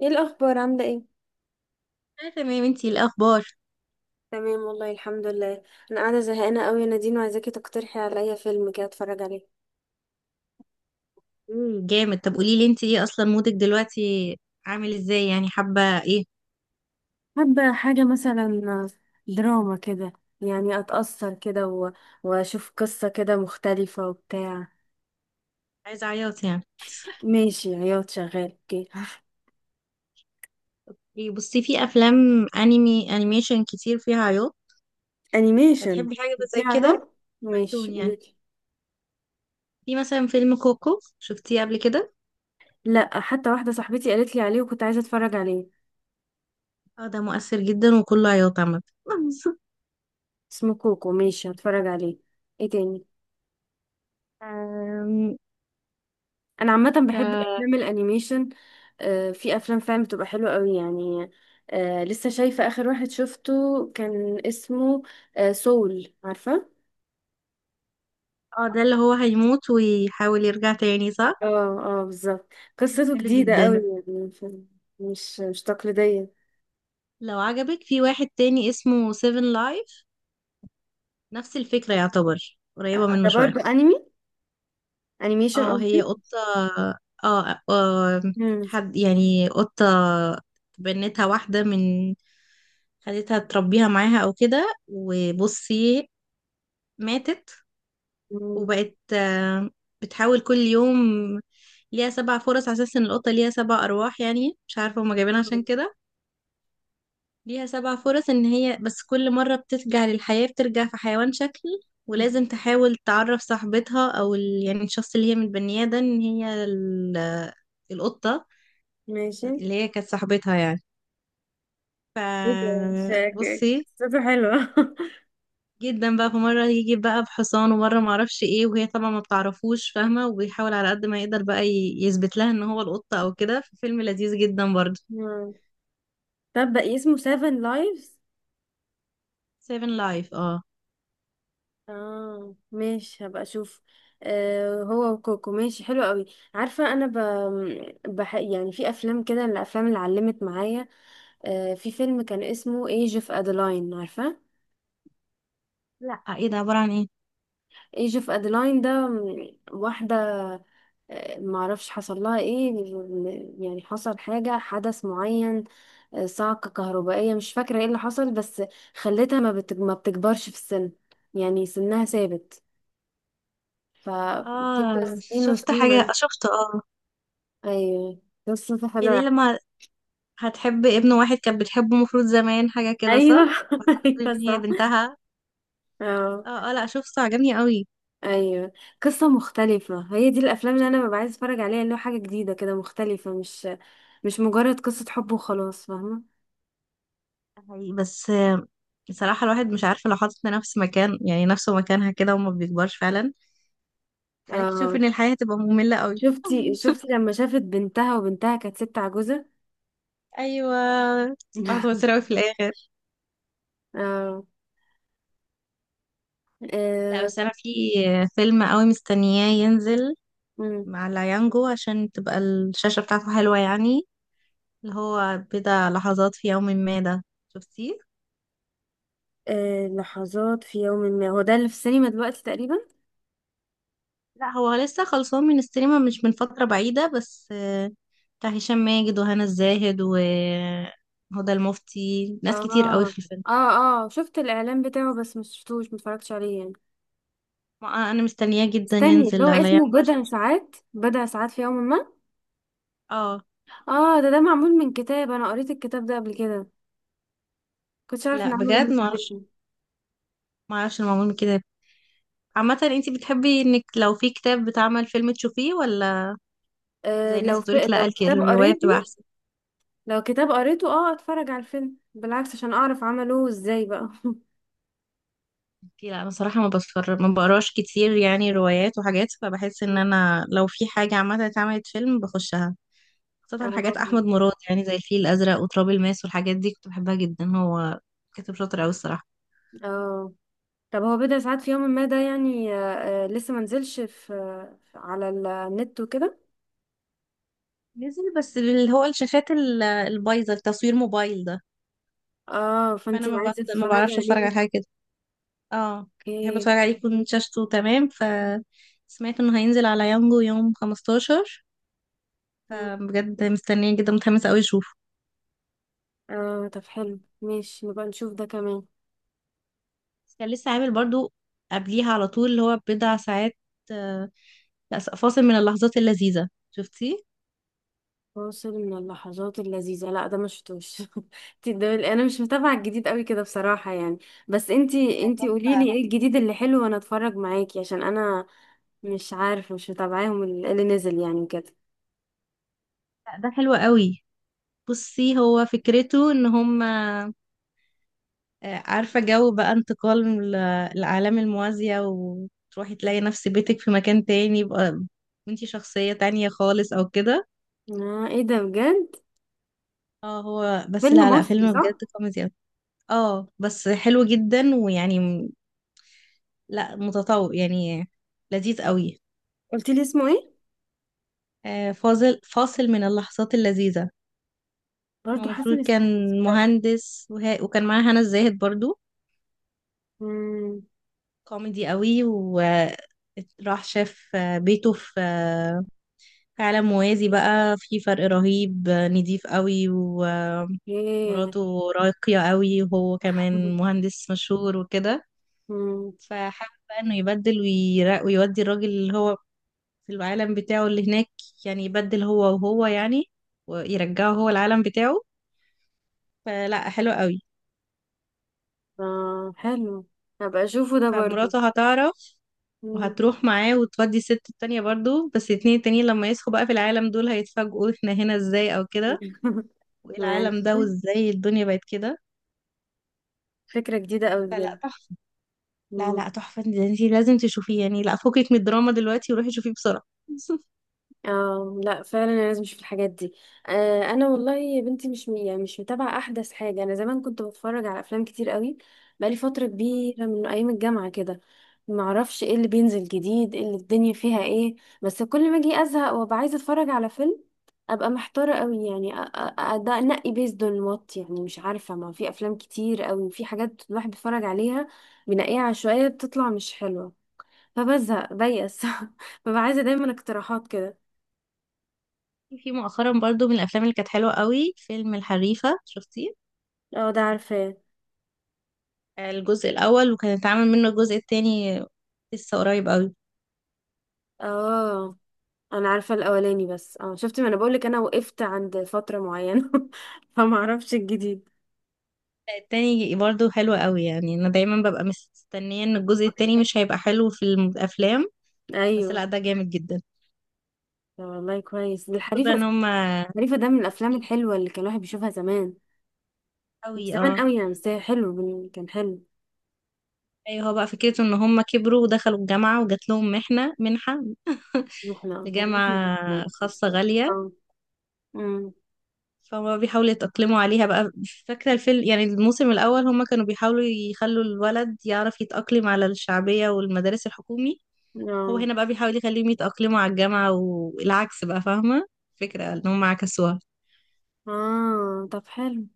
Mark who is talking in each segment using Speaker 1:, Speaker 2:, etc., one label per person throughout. Speaker 1: ايه الاخبار؟ عامله ايه؟
Speaker 2: اه تمام، انتي إيه الاخبار؟
Speaker 1: تمام والله، الحمد لله. انا قاعده زهقانه قوي يا نادين، وعايزاكي تقترحي عليا فيلم كده اتفرج عليه.
Speaker 2: جامد. طب قولي لي انتي ايه اصلا مودك دلوقتي؟ عامل ازاي يعني، حابه ايه؟
Speaker 1: حابة حاجة مثلا دراما كده، يعني أتأثر كده وأشوف قصة كده مختلفة وبتاع.
Speaker 2: عايزه عياط يعني؟
Speaker 1: ماشي، عياط شغال، اوكي.
Speaker 2: إيه، بصي، في افلام انمي انيميشن كتير فيها عياط.
Speaker 1: أنيميشن،
Speaker 2: هتحبي حاجه
Speaker 1: في
Speaker 2: زي كده؟
Speaker 1: عياط؟ ماشي،
Speaker 2: كرتون يعني.
Speaker 1: قوليلي.
Speaker 2: في مثلا فيلم كوكو، شفتيه قبل كده؟
Speaker 1: لأ، حتى واحدة صاحبتي قالت لي عليه وكنت عايزة أتفرج عليه.
Speaker 2: اه، ده مؤثر جدا وكله عياط عامه.
Speaker 1: اسمه كوكو، ماشي، هتفرج عليه. ايه تاني؟
Speaker 2: أم،
Speaker 1: انا عامه بحب
Speaker 2: ك-
Speaker 1: الافلام الانيميشن. في افلام فعلا بتبقى حلوه قوي يعني. لسه شايفه، اخر واحد شفته كان اسمه، سول، عارفه؟
Speaker 2: اه، ده اللي هو هيموت ويحاول يرجع تاني، صح؟
Speaker 1: اه. اه بالظبط. قصته
Speaker 2: حلو
Speaker 1: جديده قوي
Speaker 2: جدا.
Speaker 1: يعني مش تقليديه.
Speaker 2: لو عجبك، في واحد تاني اسمه سيفن لايف. نفس الفكرة، يعتبر قريبة منه
Speaker 1: ده
Speaker 2: شوية.
Speaker 1: برضو انمي، انيميشن
Speaker 2: اه، هي
Speaker 1: قصدي.
Speaker 2: قطة. اه، آه.
Speaker 1: مم.
Speaker 2: حد يعني، قطة بنتها واحدة من... خدتها تربيها معاها او كده، وبصي، ماتت.
Speaker 1: مم.
Speaker 2: وبقت، بتحاول كل يوم. ليها سبع فرص على اساس ان القطة ليها سبع ارواح، يعني مش عارفة هما جايبينها عشان كده. ليها سبع فرص ان هي، بس كل مرة بترجع للحياة بترجع في حيوان شكل. ولازم تحاول تعرف صاحبتها او يعني الشخص اللي هي متبنياه ده، ان هي القطة
Speaker 1: ماشي.
Speaker 2: اللي هي كانت صاحبتها يعني. ف
Speaker 1: ايه ده؟ شاكك،
Speaker 2: بصي
Speaker 1: قصته حلوه.
Speaker 2: جدا بقى، في مرة يجي بقى بحصان، ومرة معرفش ايه، وهي طبعا ما بتعرفوش فاهمة، وبيحاول على قد ما يقدر بقى يثبت لها ان هو القطة او كده. فيلم لذيذ جدا برضه.
Speaker 1: مم. طب بقى اسمه سيفن لايفز؟
Speaker 2: سيفن لايف، اه.
Speaker 1: اه ماشي، هبقى اشوف. آه، هو وكوكو، ماشي، حلو قوي. عارفه انا يعني في افلام كده، الافلام اللي علمت معايا. آه، في فيلم كان اسمه ايج اوف ادلاين، عارفه؟
Speaker 2: لا، ايه ده؟ عبارة عن ايه؟
Speaker 1: ايج اوف ادلاين ده واحده، آه، معرفش حصل لها ايه، يعني حصل حاجه، حدث معين، آه، صعقه كهربائيه، مش فاكره ايه اللي حصل، بس خلتها ما, ما بتكبرش في السن، يعني سنها ثابت. ف بتفضل
Speaker 2: اه،
Speaker 1: سنين
Speaker 2: شفت حاجة
Speaker 1: وسنين.
Speaker 2: شفت اه.
Speaker 1: ايوه، قصة
Speaker 2: هي
Speaker 1: حلوة.
Speaker 2: دي لما هتحب ابن واحد كانت بتحبه المفروض زمان، حاجة كده صح؟
Speaker 1: ايوه.
Speaker 2: وهتقول
Speaker 1: ايوه
Speaker 2: ان هي
Speaker 1: صح.
Speaker 2: بنتها.
Speaker 1: اه.
Speaker 2: اه، اه، لا شوف، عجبني قوي.
Speaker 1: ايوه، قصة مختلفة. هي دي الافلام اللي انا ببقى عايز اتفرج عليها، اللي هو حاجة جديدة كده مختلفة، مش مجرد قصة حب وخلاص، فاهمة؟
Speaker 2: حقيقي، بس بصراحة الواحد مش عارفة لو حاطط نفس مكان، يعني نفسه مكانها كده، وما بيكبرش فعلا، خليك تشوف
Speaker 1: اه
Speaker 2: ان الحياة هتبقى مملة قوي.
Speaker 1: شفتي لما شافت بنتها وبنتها كانت ست عجوزة.
Speaker 2: ايوه، هتوتر قوي في الاخر.
Speaker 1: اه.
Speaker 2: لا،
Speaker 1: آه.
Speaker 2: بس انا في فيلم قوي مستنياه ينزل
Speaker 1: مم.
Speaker 2: مع العيانجو، عشان تبقى الشاشة بتاعته حلوة يعني، اللي هو بضع لحظات في يوم ما ده. شفتيه؟
Speaker 1: آه، لحظات في يوم ما، هو ده اللي في السينما دلوقتي تقريبا.
Speaker 2: لا، هو لسه خلصان من السينما مش من فترة بعيدة، بس بتاع هشام ماجد وهنا الزاهد وهدى المفتي، ناس كتير قوي
Speaker 1: اه.
Speaker 2: في الفيلم.
Speaker 1: اه اه، شفت الاعلان بتاعه، بس مش شفتوش، متفرجتش عليه يعني.
Speaker 2: انا مستنياه جدا
Speaker 1: استني، اللي
Speaker 2: ينزل
Speaker 1: هو
Speaker 2: على
Speaker 1: اسمه
Speaker 2: يانجو عشان
Speaker 1: بضع
Speaker 2: أشوف.
Speaker 1: ساعات، بضع ساعات في يوم ما.
Speaker 2: اه،
Speaker 1: اه، ده ده معمول من كتاب، انا قريت الكتاب ده قبل كده، كنتش عارف ان
Speaker 2: لا
Speaker 1: عملوا منه
Speaker 2: بجد ما اعرفش.
Speaker 1: فيلم.
Speaker 2: ما اعرفش المعمول من كده. عامة، انتي بتحبي انك لو في كتاب بتعمل فيلم تشوفيه، ولا
Speaker 1: آه
Speaker 2: زي الناس
Speaker 1: لو في،
Speaker 2: تقولك لا
Speaker 1: لو كتاب
Speaker 2: الرواية بتبقى
Speaker 1: قريته،
Speaker 2: احسن؟
Speaker 1: لو كتاب قريته اه اتفرج على الفيلم، بالعكس عشان اعرف عملوه ازاي بقى.
Speaker 2: اوكي، لا انا صراحة ما بتفرج، ما بقراش كتير يعني روايات وحاجات، فبحس ان انا لو في حاجة عامة اتعملت فيلم بخشها، خاصة حاجات
Speaker 1: اه.
Speaker 2: أحمد مراد، يعني زي الفيل الأزرق وتراب الماس والحاجات دي، كنت بحبها جدا. هو كاتب شاطر أوي الصراحة.
Speaker 1: اه طب، هو بضع ساعات في يوم ما ده يعني، آه آه لسه منزلش في، آه، على النت وكده.
Speaker 2: نزل، بس اللي هو الشاشات البايظة، التصوير موبايل ده،
Speaker 1: اه،
Speaker 2: فأنا
Speaker 1: فانتي عايزة
Speaker 2: ما
Speaker 1: تتفرجي
Speaker 2: بعرفش أتفرج
Speaker 1: عليه.
Speaker 2: على حاجة كده. اه، بحب
Speaker 1: اوكي.
Speaker 2: أتفرج عليه يكون شاشته تمام. سمعت إنه هينزل على يانجو يوم 15،
Speaker 1: مم.
Speaker 2: فبجد مستنية جدا، متحمسة أوي أشوفه.
Speaker 1: اه طب حلو، ماشي، نبقى نشوف ده كمان.
Speaker 2: كان لسه عامل برضو قبليها على طول، اللي هو بضع ساعات. آه، لا، فاصل من اللحظات اللذيذة، شفتيه؟
Speaker 1: فاصل من اللحظات اللذيذة؟ لا، ده مش شفتوش. انا مش متابعة الجديد قوي كده بصراحة يعني. بس انتي
Speaker 2: ده
Speaker 1: انتي
Speaker 2: تحفة.
Speaker 1: قوليلي ايه الجديد اللي حلو وانا اتفرج معاكي، عشان انا مش عارفة، مش متابعاهم اللي نزل يعني كده.
Speaker 2: لا، ده حلو قوي. بصي، هو فكرته ان هم، عارفة جو بقى، انتقال من العالم الموازية، وتروحي تلاقي نفس بيتك في مكان تاني، يبقى انتي شخصية تانية خالص او كده.
Speaker 1: اه ايه ده بجد؟
Speaker 2: اه، هو بس،
Speaker 1: فيلم
Speaker 2: لا لا،
Speaker 1: مصري
Speaker 2: فيلم
Speaker 1: صح؟
Speaker 2: بجد كوميدي أوي. اه بس حلو جدا، ويعني لا متطور يعني، لذيذ قوي.
Speaker 1: قلتيلي اسمه ايه؟
Speaker 2: فاصل من اللحظات اللذيذة. هو
Speaker 1: برضو
Speaker 2: المفروض
Speaker 1: حسن
Speaker 2: كان
Speaker 1: اسماعيل؟
Speaker 2: مهندس وكان معاه هنا الزاهد برضو.
Speaker 1: امم.
Speaker 2: كوميدي قوي، وراح شاف بيته في عالم موازي، بقى في فرق رهيب، نضيف قوي
Speaker 1: ايه.
Speaker 2: ومراته راقية قوي وهو كمان مهندس مشهور وكده،
Speaker 1: امم.
Speaker 2: فحابب بقى انه يبدل ويودي الراجل اللي هو في العالم بتاعه اللي هناك، يعني يبدل هو وهو يعني، ويرجعه هو العالم بتاعه. فلا، حلو قوي.
Speaker 1: اه حلو، هبقى اشوفه ده برضو.
Speaker 2: فمراته هتعرف
Speaker 1: مم.
Speaker 2: وهتروح معاه وتودي الست التانية برضو، بس الاتنين التانيين لما يصحوا بقى في العالم دول هيتفاجئوا احنا هنا ازاي او كده، وايه العالم ده،
Speaker 1: ماشي،
Speaker 2: وازاي الدنيا بقت كده.
Speaker 1: فكرة جديدة قوي بجد.
Speaker 2: فلا، تحفة. لا لا، تحفة، ده انتي لازم تشوفيه يعني، لا فكك من الدراما دلوقتي وروحي شوفيه بسرعة.
Speaker 1: اه لا فعلا، انا لازم اشوف الحاجات دي. آه انا والله يا بنتي مش يعني مش متابعه احدث حاجه. انا زمان كنت بتفرج على افلام كتير قوي، بقالي فتره كبيره من ايام الجامعه كده. ما اعرفش ايه اللي بينزل جديد، ايه اللي الدنيا فيها ايه. بس كل ما اجي ازهق وابقى عايزه اتفرج على فيلم، ابقى محتاره قوي يعني. ده انقي بيزد اون وات، يعني مش عارفه، ما في افلام كتير قوي، في حاجات الواحد بيتفرج عليها، بنقيها عشوائيه، بتطلع مش حلوه. فبزهق بيأس. ببقى عايزه دايما اقتراحات كده.
Speaker 2: في مؤخرا برضو من الافلام اللي كانت حلوة قوي، فيلم الحريفة، شفتيه؟
Speaker 1: اه ده عارفاه.
Speaker 2: الجزء الاول، وكان اتعمل منه الجزء التاني لسه قريب قوي.
Speaker 1: اه انا عارفه الاولاني، بس اه شفت، ما انا بقولك انا وقفت عند فتره معينه. فما اعرفش الجديد.
Speaker 2: التاني برضو حلو قوي، يعني انا دايما ببقى مستنية ان الجزء التاني مش هيبقى حلو في الافلام، بس
Speaker 1: ايوه.
Speaker 2: لا ده جامد جدا.
Speaker 1: طب والله كويس
Speaker 2: ده
Speaker 1: الحريفه.
Speaker 2: ان هم
Speaker 1: الحريفه ده من الافلام الحلوه اللي كان الواحد بيشوفها زمان،
Speaker 2: قوي،
Speaker 1: زمان
Speaker 2: اه.
Speaker 1: قوي يعني، بس هي حلو كان حلو.
Speaker 2: ايوه، هو بقى فكرته ان هم كبروا ودخلوا الجامعة، وجات لهم منحة
Speaker 1: واحنا، واحنا
Speaker 2: لجامعة
Speaker 1: بس-
Speaker 2: خاصة غالية،
Speaker 1: اه. امم.
Speaker 2: فهم بيحاولوا يتأقلموا عليها بقى. فاكرة الفيلم يعني الموسم الأول هم كانوا بيحاولوا يخلوا الولد يعرف يتأقلم على الشعبية والمدارس الحكومي، هو
Speaker 1: اه.
Speaker 2: هنا بقى بيحاول يخليهم يتأقلموا على الجامعة، والعكس بقى، فاهمة فكرة ان هم عكسوها.
Speaker 1: اه طب حلو،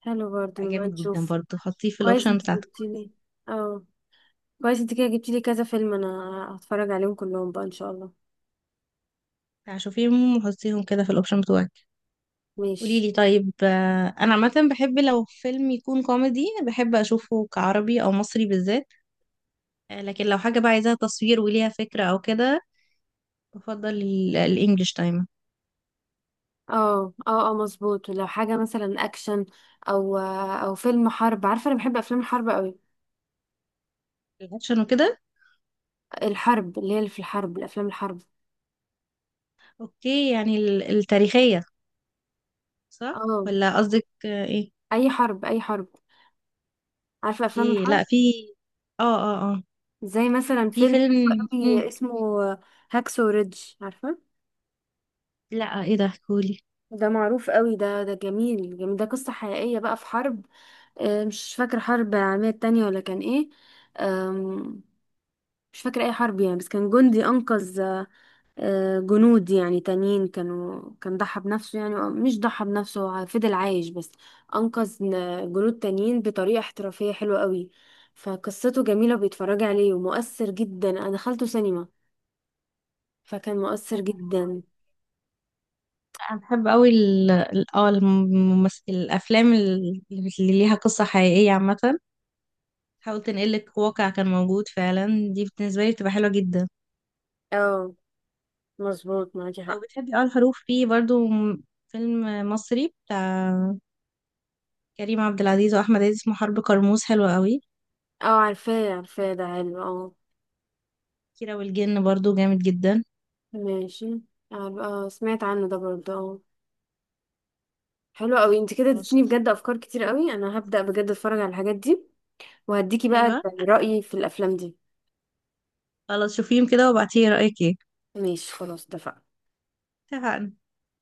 Speaker 1: حلو برضه، نبقى
Speaker 2: جامد جدا
Speaker 1: نشوف.
Speaker 2: برضه، حطيه في
Speaker 1: كويس
Speaker 2: الأوبشن
Speaker 1: انت
Speaker 2: بتاعتك،
Speaker 1: جبتيلي. اه، كويس انت كده جبتيلي كذا فيلم، انا هتفرج عليهم كلهم بقى ان شاء الله.
Speaker 2: شوفيهم وحطيهم كده في الأوبشن بتوعك. قولي
Speaker 1: ماشي.
Speaker 2: لي طيب، انا عامه بحب لو فيلم يكون كوميدي بحب اشوفه كعربي او مصري بالذات. لكن لو حاجه بقى عايزاها تصوير وليها فكره او كده، بفضل الانجليش دايما.
Speaker 1: اه اه اه مظبوط، لو حاجة مثلا اكشن، او او فيلم حرب، عارفة انا بحب افلام الحرب قوي.
Speaker 2: الاكشن وكده،
Speaker 1: الحرب اللي هي اللي في الحرب، الافلام الحرب.
Speaker 2: اوكي. يعني التاريخيه، صح؟
Speaker 1: اه
Speaker 2: ولا قصدك ايه؟
Speaker 1: اي حرب، اي حرب، عارفة افلام
Speaker 2: اوكي.
Speaker 1: الحرب،
Speaker 2: لا، في، اه اه اه،
Speaker 1: زي مثلا
Speaker 2: في
Speaker 1: فيلم
Speaker 2: فيلم. مم.
Speaker 1: قوي اسمه هاكسو ريدج، عارفة؟
Speaker 2: لا، ايه ده؟ قولي.
Speaker 1: ده معروف قوي ده، ده جميل جميل، ده قصة حقيقية بقى في حرب، آه، مش فاكرة حرب العالمية التانية ولا كان ايه، آم، مش فاكرة اي حرب يعني، بس كان جندي انقذ، آه، جنود يعني تانيين، كانوا، كان ضحى بنفسه، يعني مش ضحى بنفسه، هو فضل عايش، بس أنقذ جنود تانيين بطريقة احترافية حلوة قوي. فقصته جميلة، بيتفرج عليه ومؤثر جدا. أنا دخلته سينما فكان مؤثر جدا.
Speaker 2: انا بحب قوي الممثل، الافلام اللي ليها قصه حقيقيه عامه، حاول تنقلك واقع كان موجود فعلا. دي بالنسبة لي بتبقى حلوة جدا.
Speaker 1: اه مظبوط، معاكي
Speaker 2: لو
Speaker 1: حق.
Speaker 2: بتحبي الحروف، في برضو فيلم مصري بتاع كريم عبد العزيز وأحمد عز، اسمه حرب كرموز، حلو قوي.
Speaker 1: اه عارفاه عارفاه، ده حلو اه.
Speaker 2: كيرة والجن برضو جامد جدا.
Speaker 1: ماشي. اه سمعت عنه ده برضه، اه. حلو قوي، انت كده
Speaker 2: خلاص.
Speaker 1: اديتيني بجد افكار كتير قوي، انا هبدأ بجد اتفرج على الحاجات دي، وهديكي بقى
Speaker 2: أيوة.
Speaker 1: رأيي في الافلام دي.
Speaker 2: خلاص، شوفيهم كده وابعتيلي رأيك ايه.
Speaker 1: ماشي، خلاص، اتفقنا.
Speaker 2: اتفقنا.